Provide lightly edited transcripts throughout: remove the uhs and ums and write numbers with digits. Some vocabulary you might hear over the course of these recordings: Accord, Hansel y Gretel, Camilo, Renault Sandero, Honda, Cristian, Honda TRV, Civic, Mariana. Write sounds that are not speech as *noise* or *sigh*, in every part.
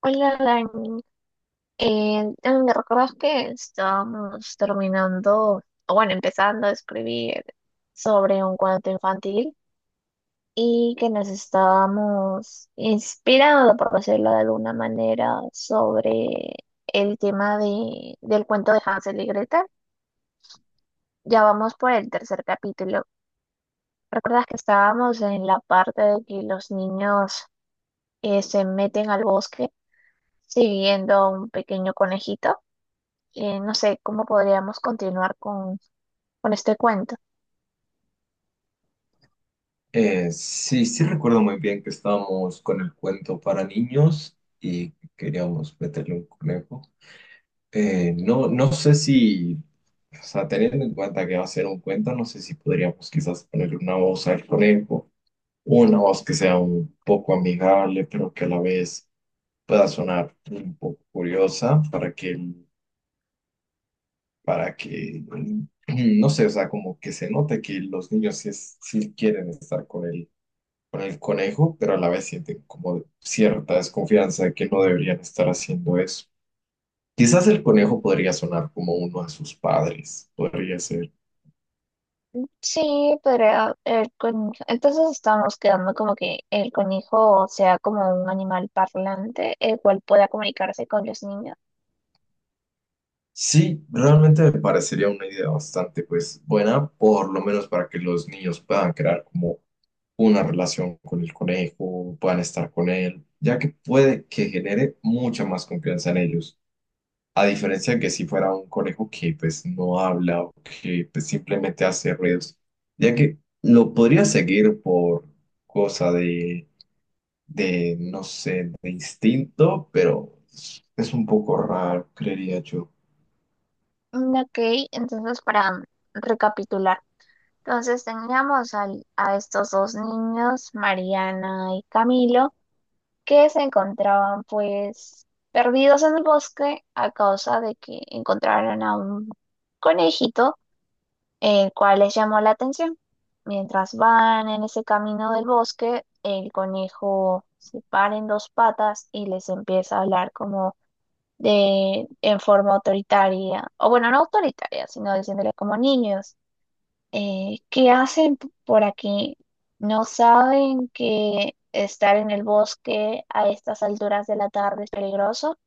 Hola, Dani. ¿Me recuerdas que estábamos terminando, o bueno, empezando a escribir sobre un cuento infantil y que nos estábamos inspirando, por decirlo de alguna manera, sobre del cuento de Hansel y Gretel? Ya vamos por el tercer capítulo. ¿Recuerdas que estábamos en la parte de que los niños se meten al bosque siguiendo a un pequeño conejito? No sé cómo podríamos continuar con este cuento. Sí, recuerdo muy bien que estábamos con el cuento para niños y queríamos meterle un conejo. No sé si, o sea, teniendo en cuenta que va a ser un cuento, no sé si podríamos quizás ponerle una voz al conejo, una voz que sea un poco amigable, pero que a la vez pueda sonar un poco curiosa para que, para que, *clears throat* no sé, o sea, como que se note que los niños sí, sí quieren estar con él con el conejo, pero a la vez sienten como cierta desconfianza de que no deberían estar haciendo eso. Quizás el conejo podría sonar como uno de sus padres, podría ser. Sí, podría, entonces estamos quedando como que el conejo sea como un animal parlante, el cual pueda comunicarse con los niños. Sí, realmente me parecería una idea bastante pues buena, por lo menos para que los niños puedan crear como una relación con el conejo, puedan estar con él, ya que puede que genere mucha más confianza en ellos. A diferencia de que si fuera un conejo que pues no habla o que pues, simplemente hace ruidos, ya que lo podría seguir por cosa de, no sé, de instinto, pero es un poco raro, creería yo. Mm, ok, entonces para recapitular, entonces teníamos a estos dos niños, Mariana y Camilo, que se encontraban pues perdidos en el bosque a causa de que encontraron a un conejito el cual les llamó la atención. Mientras van en ese camino del bosque, el conejo se para en dos patas y les empieza a hablar como de, en forma autoritaria, o bueno, no autoritaria, sino diciéndole como niños, ¿qué hacen por aquí? ¿No saben que estar en el bosque a estas alturas de la tarde es peligroso?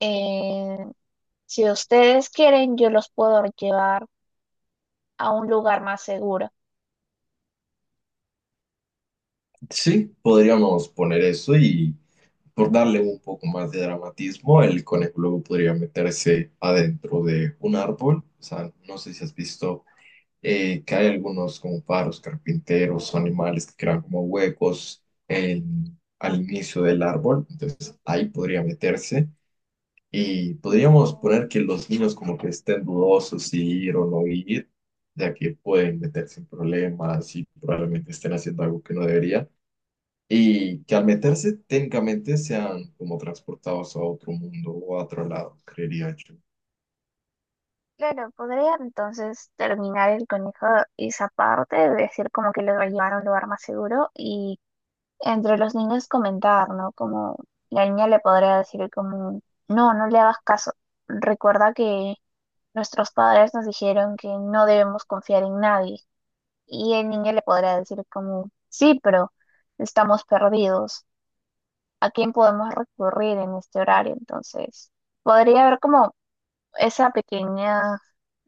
Eh, si ustedes quieren, yo los puedo llevar a un lugar más seguro. Sí, podríamos poner eso y por darle un poco más de dramatismo, el conejo luego podría meterse adentro de un árbol. O sea, no sé si has visto que hay algunos como paros carpinteros o animales que crean como huecos al inicio del árbol, entonces ahí podría meterse y podríamos poner que los niños como que estén dudosos si ir o no ir, ya que pueden meterse en problemas y probablemente estén haciendo algo que no debería. Y que al meterse técnicamente sean como transportados a otro mundo o a otro lado, creería yo. Claro, podría entonces terminar el conejo esa parte, de decir como que lo va a llevar a un lugar más seguro y entre los niños comentar, ¿no? Como la niña le podría decir como, no, no le hagas caso. Recuerda que nuestros padres nos dijeron que no debemos confiar en nadie. Y el niño le podría decir como, sí, pero estamos perdidos. ¿A quién podemos recurrir en este horario? Entonces, podría haber como esa pequeña,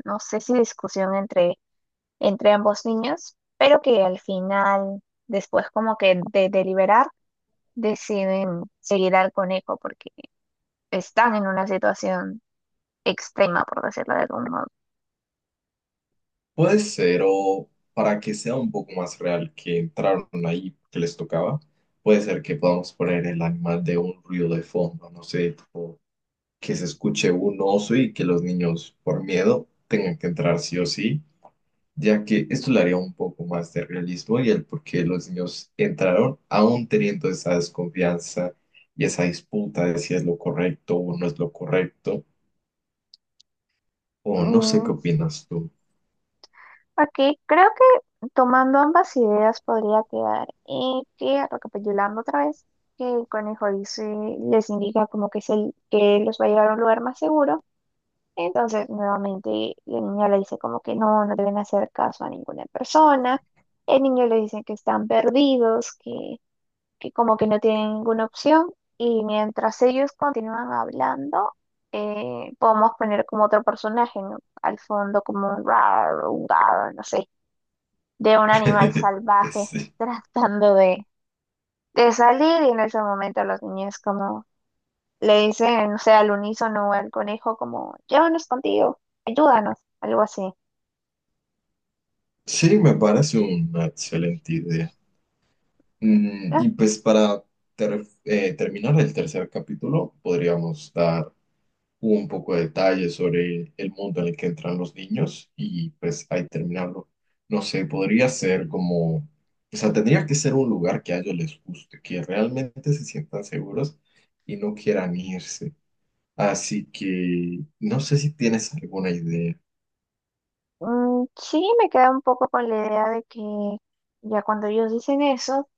no sé si discusión entre ambos niños, pero que al final, después como que de deliberar, deciden seguir al conejo porque están en una situación extrema, por decirlo de algún modo. Puede ser, o para que sea un poco más real que entraron ahí, que les tocaba, puede ser que podamos poner el animal de un ruido de fondo, no sé, tipo que se escuche un oso y que los niños, por miedo, tengan que entrar sí o sí, ya que esto le haría un poco más de realismo y el por qué los niños entraron, aún teniendo esa desconfianza y esa disputa de si es lo correcto o no es lo correcto, o no sé Mm, qué opinas tú. aquí creo que tomando ambas ideas podría quedar que, recapitulando otra vez, que el conejo dice, les indica como que, es el, que los va a llevar a un lugar más seguro. Entonces, nuevamente, la niña le dice como que no, no deben hacer caso a ninguna persona. El niño le dice que están perdidos, que como que no tienen ninguna opción. Y mientras ellos continúan hablando, podemos poner como otro personaje, ¿no? Al fondo como un raro, no sé, de un animal *laughs* salvaje Sí. *laughs* tratando de salir. Y en ese momento los niños como le dicen, o sea, al unísono o al conejo como, llévanos contigo, ayúdanos, algo así. Sí, me parece una excelente idea. Mm, Ah, y pues para terminar el tercer capítulo, podríamos dar un poco de detalle sobre el mundo en el que entran los niños y pues ahí terminarlo. No sé, podría ser como, o sea, tendría que ser un lugar que a ellos les guste, que realmente se sientan seguros y no quieran irse. Así que no sé si tienes alguna idea. mm, sí, me queda un poco con la idea de que ya cuando ellos dicen eso,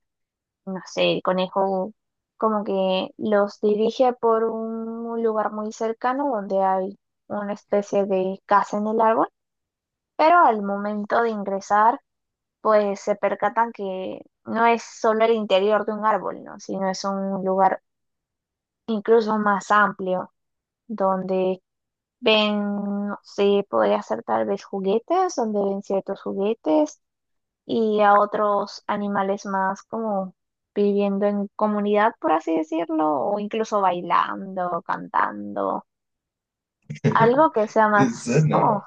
no sé, el conejo como que los dirige por un lugar muy cercano donde hay una especie de casa en el árbol, pero al momento de ingresar, pues se percatan que no es solo el interior de un árbol, ¿no? Sino es un lugar incluso más amplio, donde ven, no sé, podría ser tal vez juguetes, donde ven ciertos juguetes y a otros animales más como viviendo en comunidad, por así decirlo, o incluso bailando, cantando, algo que sea *laughs* más como Suena.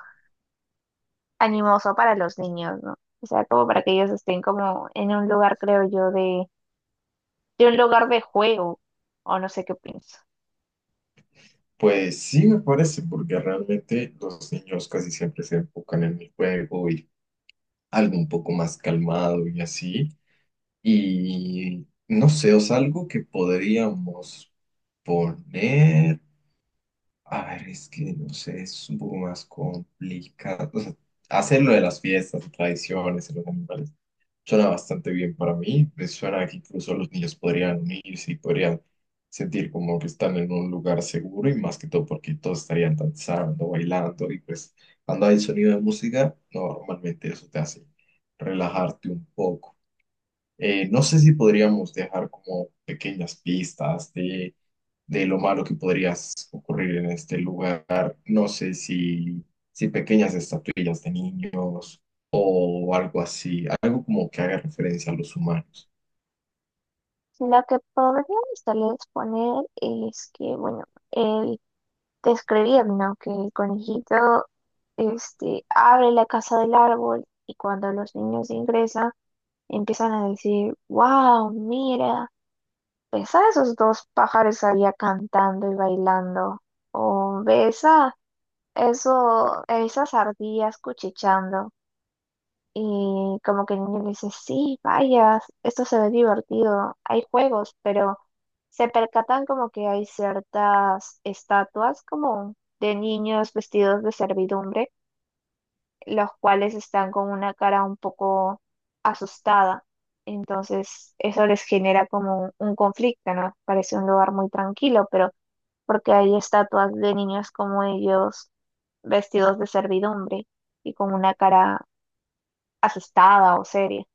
animoso para los niños, ¿no? O sea, como para que ellos estén como en un lugar, creo yo, de un lugar de juego, o no sé qué pienso. Pues sí, me parece, porque realmente los niños casi siempre se enfocan en el juego y algo un poco más calmado y así. Y no sé, o sea, algo que podríamos poner. A ver, es que no sé, es un poco más complicado. O sea, hacer lo de las fiestas, tradiciones, y los animales. Suena bastante bien para mí, me suena que incluso los niños podrían unirse y podrían sentir como que están en un lugar seguro y más que todo porque todos estarían danzando, bailando y pues cuando hay sonido de música, no, normalmente eso te hace relajarte un poco. No sé si podríamos dejar como pequeñas pistas de lo malo que podría ocurrir en este lugar. No sé si, si pequeñas estatuillas de niños o algo así, algo como que haga referencia a los humanos. Lo que podríamos tal vez poner es que, bueno, el te escribían, ¿no? Que el conejito este, abre la casa del árbol y cuando los niños ingresan empiezan a decir, wow, mira, ves a esos dos pájaros allá cantando y bailando, o ves a esas ardillas cuchicheando. Y como que el niño le dice, sí, vayas, esto se ve divertido, hay juegos, pero se percatan como que hay ciertas estatuas como de niños vestidos de servidumbre, los cuales están con una cara un poco asustada. Entonces eso les genera como un conflicto, ¿no? Parece un lugar muy tranquilo, pero porque hay estatuas de niños como ellos vestidos de servidumbre y con una cara asustada o seria.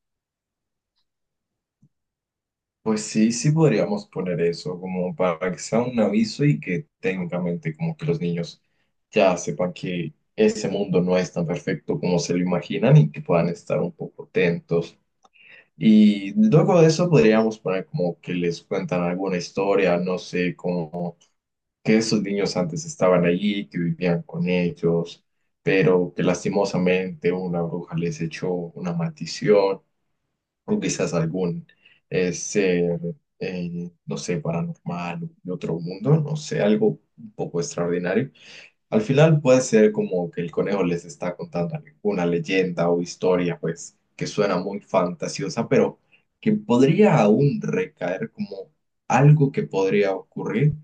Pues sí, sí podríamos poner eso como para que sea un aviso y que técnicamente como que los niños ya sepan que ese mundo no es tan perfecto como se lo imaginan y que puedan estar un poco atentos. Y luego de eso podríamos poner como que les cuentan alguna historia, no sé, como que esos niños antes estaban allí, que vivían con ellos, pero que lastimosamente una bruja les echó una maldición o quizás algún ser, no sé, paranormal de otro mundo, no sé, algo un poco extraordinario. Al final puede ser como que el conejo les está contando una leyenda o historia, pues, que suena muy fantasiosa, pero que podría aún recaer como algo que podría ocurrir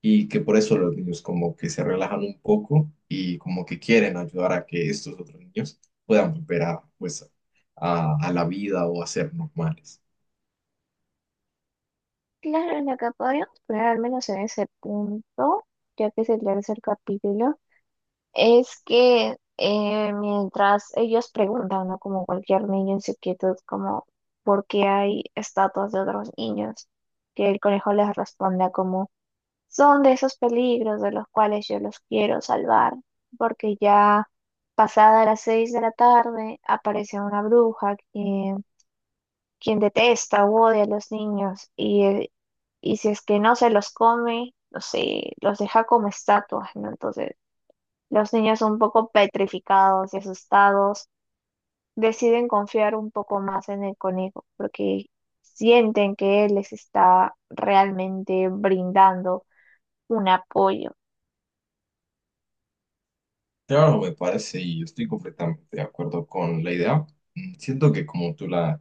y que por eso los niños como que se relajan un poco y como que quieren ayudar a que estos otros niños puedan volver a, pues, a la vida o a ser normales. Claro, en lo que podríamos poner al menos en ese punto, ya que es el tercer capítulo, es que mientras ellos preguntan, ¿no? Como cualquier niño en su quietud, como ¿por qué hay estatuas de otros niños? Que el conejo les responda como son de esos peligros de los cuales yo los quiero salvar, porque ya pasada las 6 de la tarde aparece una bruja que quien detesta o odia a los niños y si es que no se los come, no sé, los deja como estatuas, ¿no? Entonces, los niños un poco petrificados y asustados deciden confiar un poco más en el conejo porque sienten que él les está realmente brindando un apoyo. Claro, me parece y estoy completamente de acuerdo con la idea. Mm, siento que como tú la,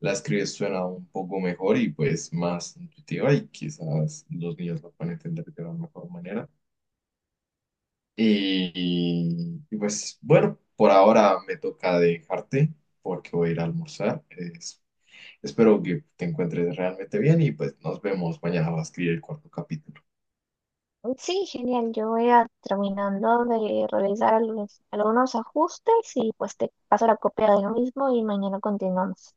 la escribes suena un poco mejor y pues más intuitiva y quizás los niños lo pueden entender de una mejor manera. Y pues bueno, por ahora me toca dejarte porque voy a ir a almorzar. Espero que te encuentres realmente bien y pues nos vemos mañana va a escribir el cuarto capítulo. Sí, genial. Yo voy a terminando de realizar algunos ajustes y pues te paso la copia de lo mismo y mañana continuamos.